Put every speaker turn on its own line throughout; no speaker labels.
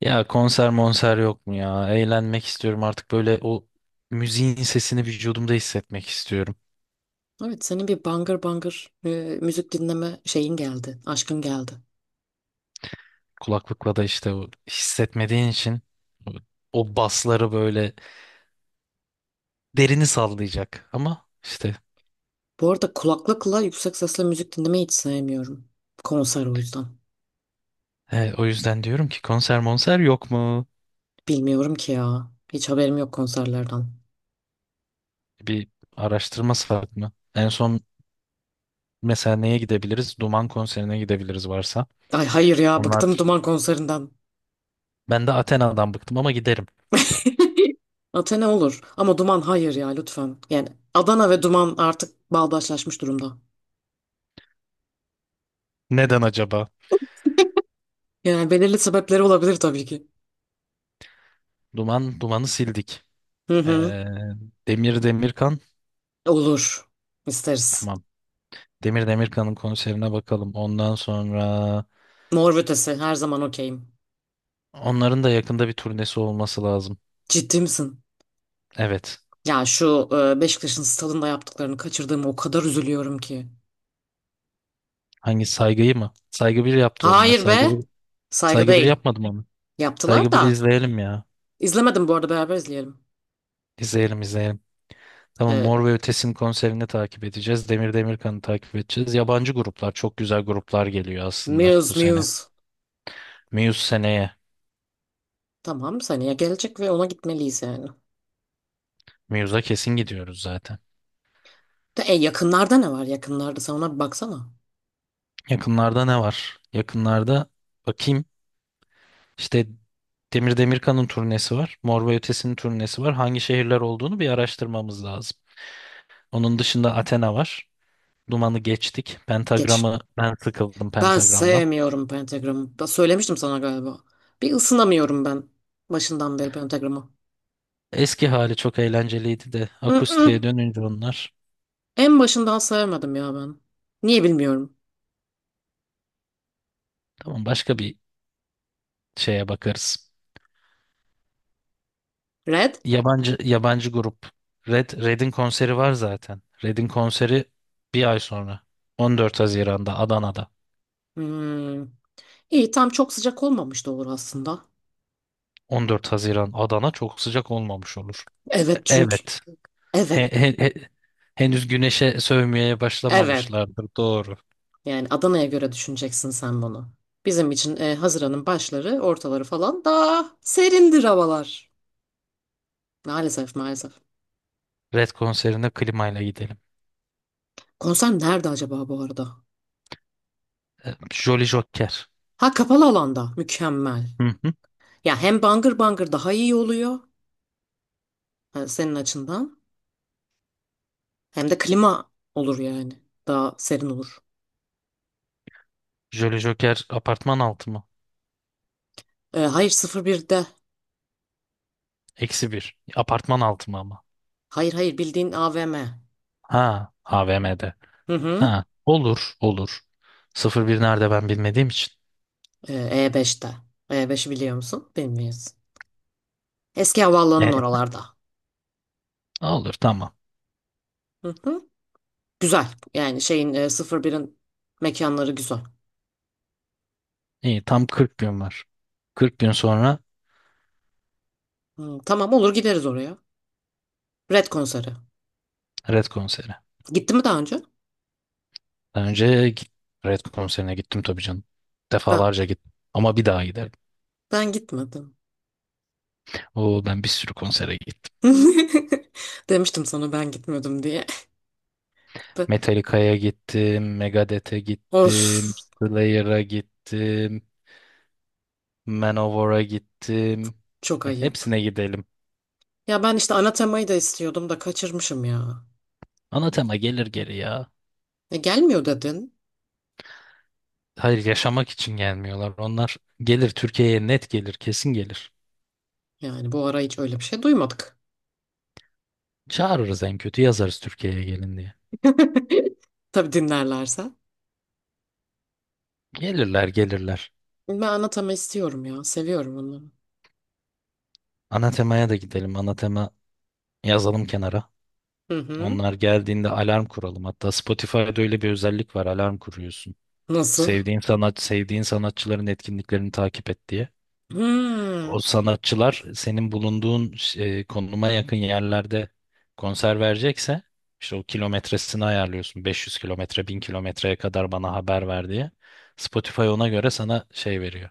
Ya konser monser yok mu ya? Eğlenmek istiyorum artık böyle o müziğin sesini vücudumda hissetmek istiyorum.
Evet senin bir bangır bangır müzik dinleme şeyin geldi. Aşkın geldi.
Kulaklıkla da işte o hissetmediğin için o basları böyle derini sallayacak. Ama işte
Bu arada kulaklıkla yüksek sesle müzik dinlemeyi hiç sevmiyorum. Konser o yüzden.
he, o yüzden diyorum ki konser monser yok mu?
Bilmiyorum ki ya. Hiç haberim yok konserlerden.
Bir araştırması var mı? En son mesela neye gidebiliriz? Duman konserine gidebiliriz varsa.
Ay hayır ya,
Onlar
bıktım Duman konserinden.
ben de Athena'dan bıktım ama giderim.
Athena olur ama Duman hayır ya, lütfen. Yani Adana ve Duman artık bağdaşlaşmış durumda.
Neden acaba?
Yani belirli sebepleri olabilir tabii ki.
Duman, dumanı sildik.
Hı hı.
Ee, Demir Demirkan.
Olur. İsteriz.
Tamam. Demir Demirkan'ın konserine bakalım. Ondan sonra
Mor ve Ötesi her zaman okeyim.
onların da yakında bir turnesi olması lazım.
Ciddi misin?
Evet.
Ya şu Beşiktaş'ın stadında yaptıklarını kaçırdığımı o kadar üzülüyorum ki.
Hangi Saygı'yı mı? Saygı bir yaptı onlar.
Hayır
Saygı
be.
1,
Saygı
Saygı 1
değil.
yapmadım onu.
Yaptılar
Saygı 1'i
da.
izleyelim ya.
İzlemedim, bu arada beraber izleyelim.
İzleyelim izleyelim. Tamam,
E,
Mor ve Ötesi'nin konserini takip edeceğiz. Demir Demirkan'ı takip edeceğiz. Yabancı gruplar çok güzel gruplar geliyor aslında bu
Muse,
sene.
Muse.
Muse seneye.
Tamam, seneye gelecek ve ona gitmeliyiz yani.
Muse'a kesin gidiyoruz zaten.
Yakınlarda ne var, yakınlarda sen ona bir baksana.
Yakınlarda ne var? Yakınlarda bakayım. İşte Demir Demirkan'ın turnesi var. Mor ve Ötesi'nin turnesi var. Hangi şehirler olduğunu bir araştırmamız lazım. Onun dışında Athena var. Duman'ı geçtik.
Geç.
Pentagram'ı ben sıkıldım
Ben
Pentagram'dan.
sevmiyorum Pentagram'ı. Ben söylemiştim sana galiba. Bir ısınamıyorum ben başından beri Pentagram'ı.
Eski hali çok eğlenceliydi de akustiğe
Mm-mm.
dönünce onlar.
En başından sevmedim ya ben. Niye bilmiyorum.
Tamam, başka bir şeye bakarız.
Red?
Yabancı yabancı grup. Red Red'in konseri var zaten. Red'in konseri bir ay sonra. 14 Haziran'da Adana'da.
Hmm. İyi, tam çok sıcak olmamış da olur aslında.
14 Haziran Adana çok sıcak olmamış olur.
Evet, çünkü.
Evet.
Evet.
He- he- he- henüz güneşe sövmeye
Evet.
başlamamışlardır. Doğru.
Yani Adana'ya göre düşüneceksin sen bunu. Bizim için Haziran'ın başları, ortaları falan daha serindir havalar. Maalesef, maalesef.
Red konserine klimayla gidelim.
Konser nerede acaba bu arada?
Jolly Joker.
Ha, kapalı alanda. Mükemmel.
Hı hı.
Ya hem bangır bangır daha iyi oluyor senin açından. Hem de klima olur yani. Daha serin olur.
Jolly Joker apartman altı mı?
Hayır, 01'de.
Eksi bir. Apartman altı mı ama?
Hayır, hayır, bildiğin AVM.
Ha, AVM'de.
Hı hı.
Ha, olur, olur. Sıfır bir nerede ben bilmediğim için.
E5'te. E5'i biliyor musun? Bilmiyorsun. Eski havaalanının
E,
oralarda.
olur, tamam.
Hı hı. Güzel. Yani şeyin, 01'in mekanları güzel.
İyi, tam 40 gün var. 40 gün sonra
Hı, tamam, olur gideriz oraya. Red konseri.
Red konseri.
Gitti mi daha önce?
Daha önce Red konserine gittim tabii canım.
Ben,
Defalarca gittim. Ama bir daha giderim.
ben gitmedim.
Oo, ben bir sürü konsere gittim.
Demiştim sana ben gitmedim diye. Be-
Metallica'ya gittim, Megadeth'e
Of,
gittim, Slayer'a gittim, Manowar'a gittim.
çok
Heh,
ayıp.
hepsine gidelim.
Ya ben işte ana temayı da istiyordum da kaçırmışım ya.
Anatema gelir geri ya.
Gelmiyor dedin.
Hayır, yaşamak için gelmiyorlar. Onlar gelir Türkiye'ye, net gelir, kesin gelir.
Yani bu ara hiç öyle bir şey duymadık.
Çağırırız en kötü, yazarız Türkiye'ye gelin diye.
Tabii, dinlerlerse.
Gelirler gelirler.
Ben anlatama istiyorum ya. Seviyorum onu.
Anatema'ya da gidelim. Anatema yazalım kenara.
Hı hı.
Onlar geldiğinde alarm kuralım. Hatta Spotify'da öyle bir özellik var. Alarm kuruyorsun.
Nasıl?
Sevdiğin sanat, sevdiğin sanatçıların etkinliklerini takip et diye. O
Hmm.
sanatçılar senin bulunduğun konuma yakın yerlerde konser verecekse işte o kilometresini ayarlıyorsun. 500 kilometre, 1000 kilometreye kadar bana haber ver diye. Spotify ona göre sana şey veriyor.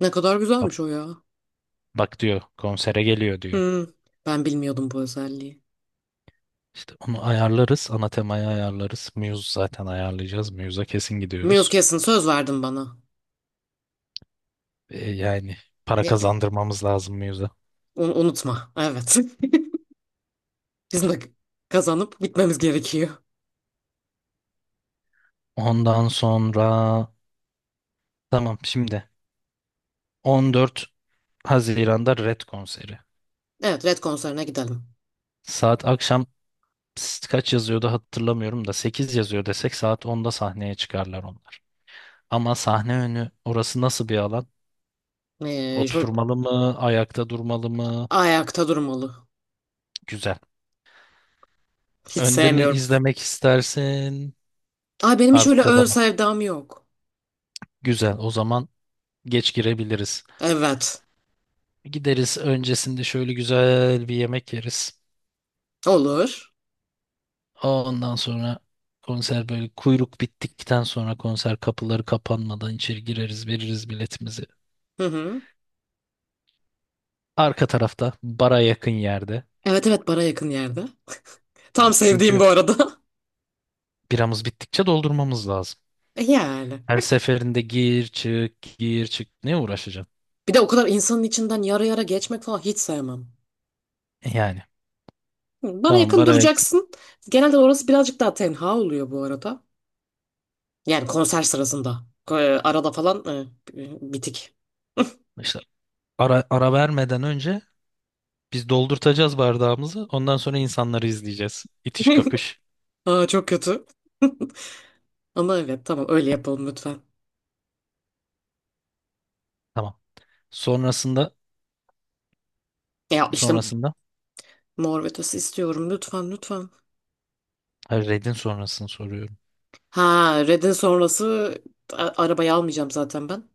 Ne kadar
Bak,
güzelmiş o ya.
bak diyor konsere geliyor diyor.
Hmm. Ben bilmiyordum bu özelliği.
İşte onu ayarlarız. Ana temayı ayarlarız. Muse zaten ayarlayacağız. Muse'a kesin
Muse
gidiyoruz.
kesin, söz verdin bana.
Yani para
E,
kazandırmamız lazım Muse'a.
unutma. Evet. Bizim de kazanıp gitmemiz gerekiyor.
Ondan sonra tamam şimdi 14 Haziran'da Red konseri.
Evet, Red konserine gidelim.
Saat akşam kaç yazıyordu hatırlamıyorum da 8 yazıyor desek saat onda sahneye çıkarlar onlar. Ama sahne önü orası nasıl bir alan?
Şöyle,
Oturmalı mı? Ayakta durmalı mı?
ayakta durmalı.
Güzel.
Hiç
Önde mi
sevmiyorum.
izlemek istersin?
Ay, benim hiç öyle
Arkada
ön
mı?
sevdam yok.
Güzel. O zaman geç girebiliriz.
Evet.
Gideriz öncesinde şöyle güzel bir yemek yeriz.
Olur.
Ondan sonra konser böyle kuyruk bittikten sonra konser kapıları kapanmadan içeri gireriz, veririz biletimizi.
Hı hı.
Arka tarafta bara yakın yerde.
Evet, evet, bana yakın yerde. Tam sevdiğim bu
Çünkü
arada.
biramız bittikçe doldurmamız lazım.
Yani.
Her seferinde gir çık gir çık ne uğraşacaksın?
Bir de o kadar insanın içinden yara yara geçmek falan hiç sevmem.
Yani
Hı, bana
tamam
yakın
baraya
duracaksın. Genelde orası birazcık daha tenha oluyor bu arada. Yani konser sırasında. Arada falan bitik.
işte ara vermeden önce biz doldurtacağız bardağımızı. Ondan sonra insanları izleyeceğiz. İtiş kakış.
Aa, çok kötü. Ama evet, tamam, öyle yapalım lütfen.
Tamam. Sonrasında
Ya işte
sonrasında
Mor ve Ötesi istiyorum, lütfen lütfen.
hayır, Red'in sonrasını soruyorum.
Ha, Red'in sonrası arabayı almayacağım zaten ben.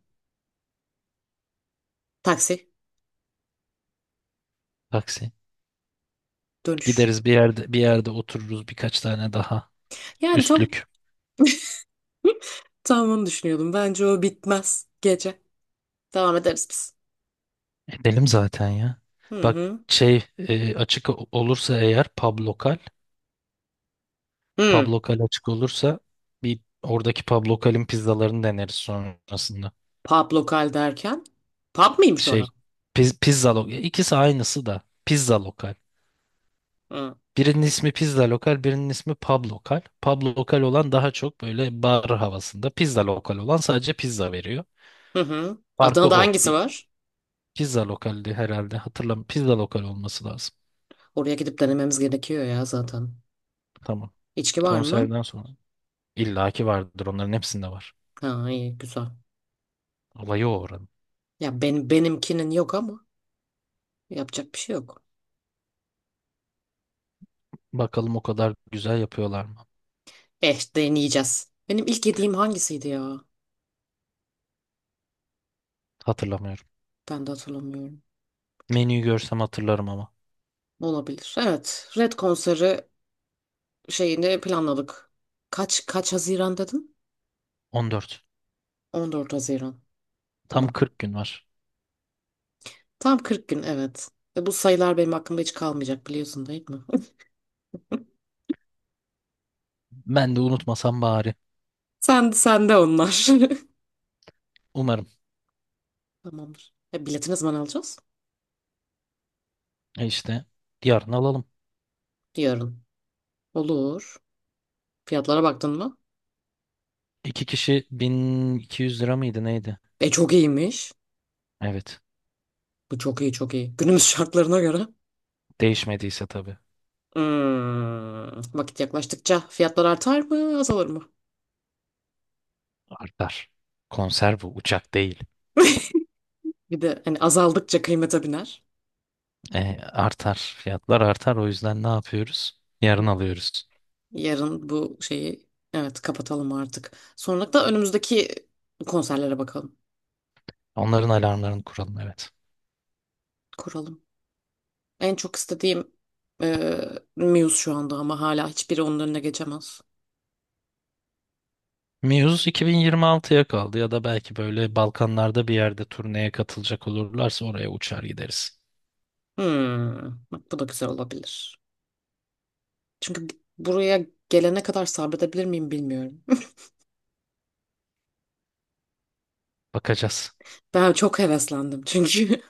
Taksi,
Taksi.
dönüş.
Gideriz bir yerde bir yerde otururuz birkaç tane daha
Yani tam
üstlük.
tam onu düşünüyordum. Bence o bitmez gece. Devam ederiz biz.
Edelim zaten ya.
Hı
Bak
hı.
şey açık olursa eğer pub lokal, pub
Hı.
lokal açık olursa bir oradaki pub lokalin pizzalarını deneriz sonrasında.
Pub lokal derken? Pub mıymış orası?
Şey pizza lokal ikisi aynısı da pizza lokal.
Hı.
Birinin ismi pizza lokal, birinin ismi pub lokal. Pub lokal olan daha çok böyle bar havasında. Pizza lokal olan sadece pizza veriyor.
Hı hı.
Farkı
Adana'da
o.
hangisi var?
Pizza lokaldi herhalde. Hatırlam. Pizza lokal olması lazım.
Oraya gidip denememiz gerekiyor ya zaten.
Tamam.
İçki var mı?
Konserden sonra. İlla ki vardır. Onların hepsinde var.
Ha, iyi, güzel.
Olayı o oranın.
Ya benimkinin yok ama yapacak bir şey yok.
Bakalım o kadar güzel yapıyorlar mı?
Eh, deneyeceğiz. Benim ilk yediğim hangisiydi ya?
Hatırlamıyorum.
Ben de hatırlamıyorum.
Menüyü görsem hatırlarım ama.
Olabilir. Evet. Red konseri şeyini planladık. Kaç Haziran dedin?
14.
14 Haziran.
Tam
Tamam.
40 gün var.
Tam 40 gün, evet. Bu sayılar benim aklımda hiç kalmayacak, biliyorsun değil mi?
Ben de unutmasam bari.
Sen de onlar.
Umarım.
Tamamdır. Bileti ne zaman alacağız?
İşte yarın alalım.
Yarın. Olur. Fiyatlara baktın mı?
İki kişi 1200 lira mıydı neydi?
Çok iyiymiş.
Evet.
Bu çok iyi, çok iyi. Günümüz şartlarına göre.
Değişmediyse tabii.
Hmm, vakit yaklaştıkça fiyatlar artar mı, azalır mı?
Artar. Konser bu. Uçak değil.
Bir de hani azaldıkça kıymete biner.
Artar. Fiyatlar artar. O yüzden ne yapıyoruz? Yarın alıyoruz.
Yarın bu şeyi, evet, kapatalım artık. Sonra da önümüzdeki konserlere bakalım.
Onların alarmlarını kuralım, evet.
Kuralım. En çok istediğim e, Muse şu anda, ama hala hiçbiri onun önüne geçemez.
Muse 2026'ya kaldı ya da belki böyle Balkanlarda bir yerde turneye katılacak olurlarsa oraya uçar gideriz.
Hmm, bak, bu da güzel olabilir. Çünkü buraya gelene kadar sabredebilir miyim bilmiyorum.
Bakacağız.
Ben çok heveslendim çünkü.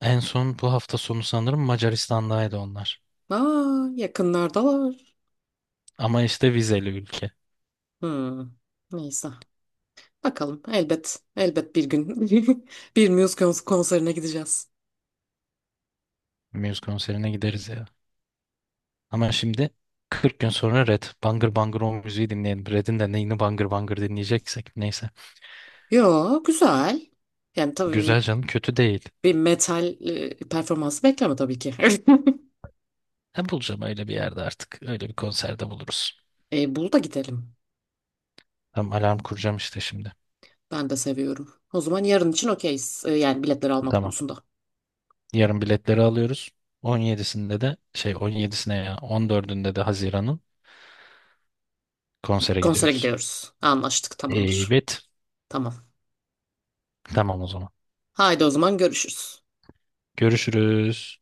En son bu hafta sonu sanırım Macaristan'daydı onlar.
Aa, yakınlardalar.
Ama işte vizeli ülke.
Hmm, neyse. Bakalım, elbet elbet bir gün bir Muse konserine gideceğiz.
Muse konserine gideriz ya. Ama şimdi 40 gün sonra Red. Bangır bangır o müziği dinleyelim. Red'in de neyini bangır bangır dinleyeceksek. Neyse.
Yo, güzel. Yani tabii
Güzel canım, kötü değil.
bir metal performansı bekleme tabii ki.
Ha, bulacağım öyle bir yerde artık. Öyle bir konserde buluruz.
Bunu da gidelim.
Tamam alarm kuracağım işte şimdi.
Ben de seviyorum. O zaman yarın için okeyiz. Yani biletleri alma
Tamam.
konusunda.
Yarın biletleri alıyoruz. 17'sinde de şey, 17'sine ya 14'ünde de Haziran'ın konsere
Konsere
gidiyoruz.
gidiyoruz. Anlaştık, tamamdır.
Evet.
Tamam.
Tamam o zaman.
Haydi o zaman, görüşürüz.
Görüşürüz.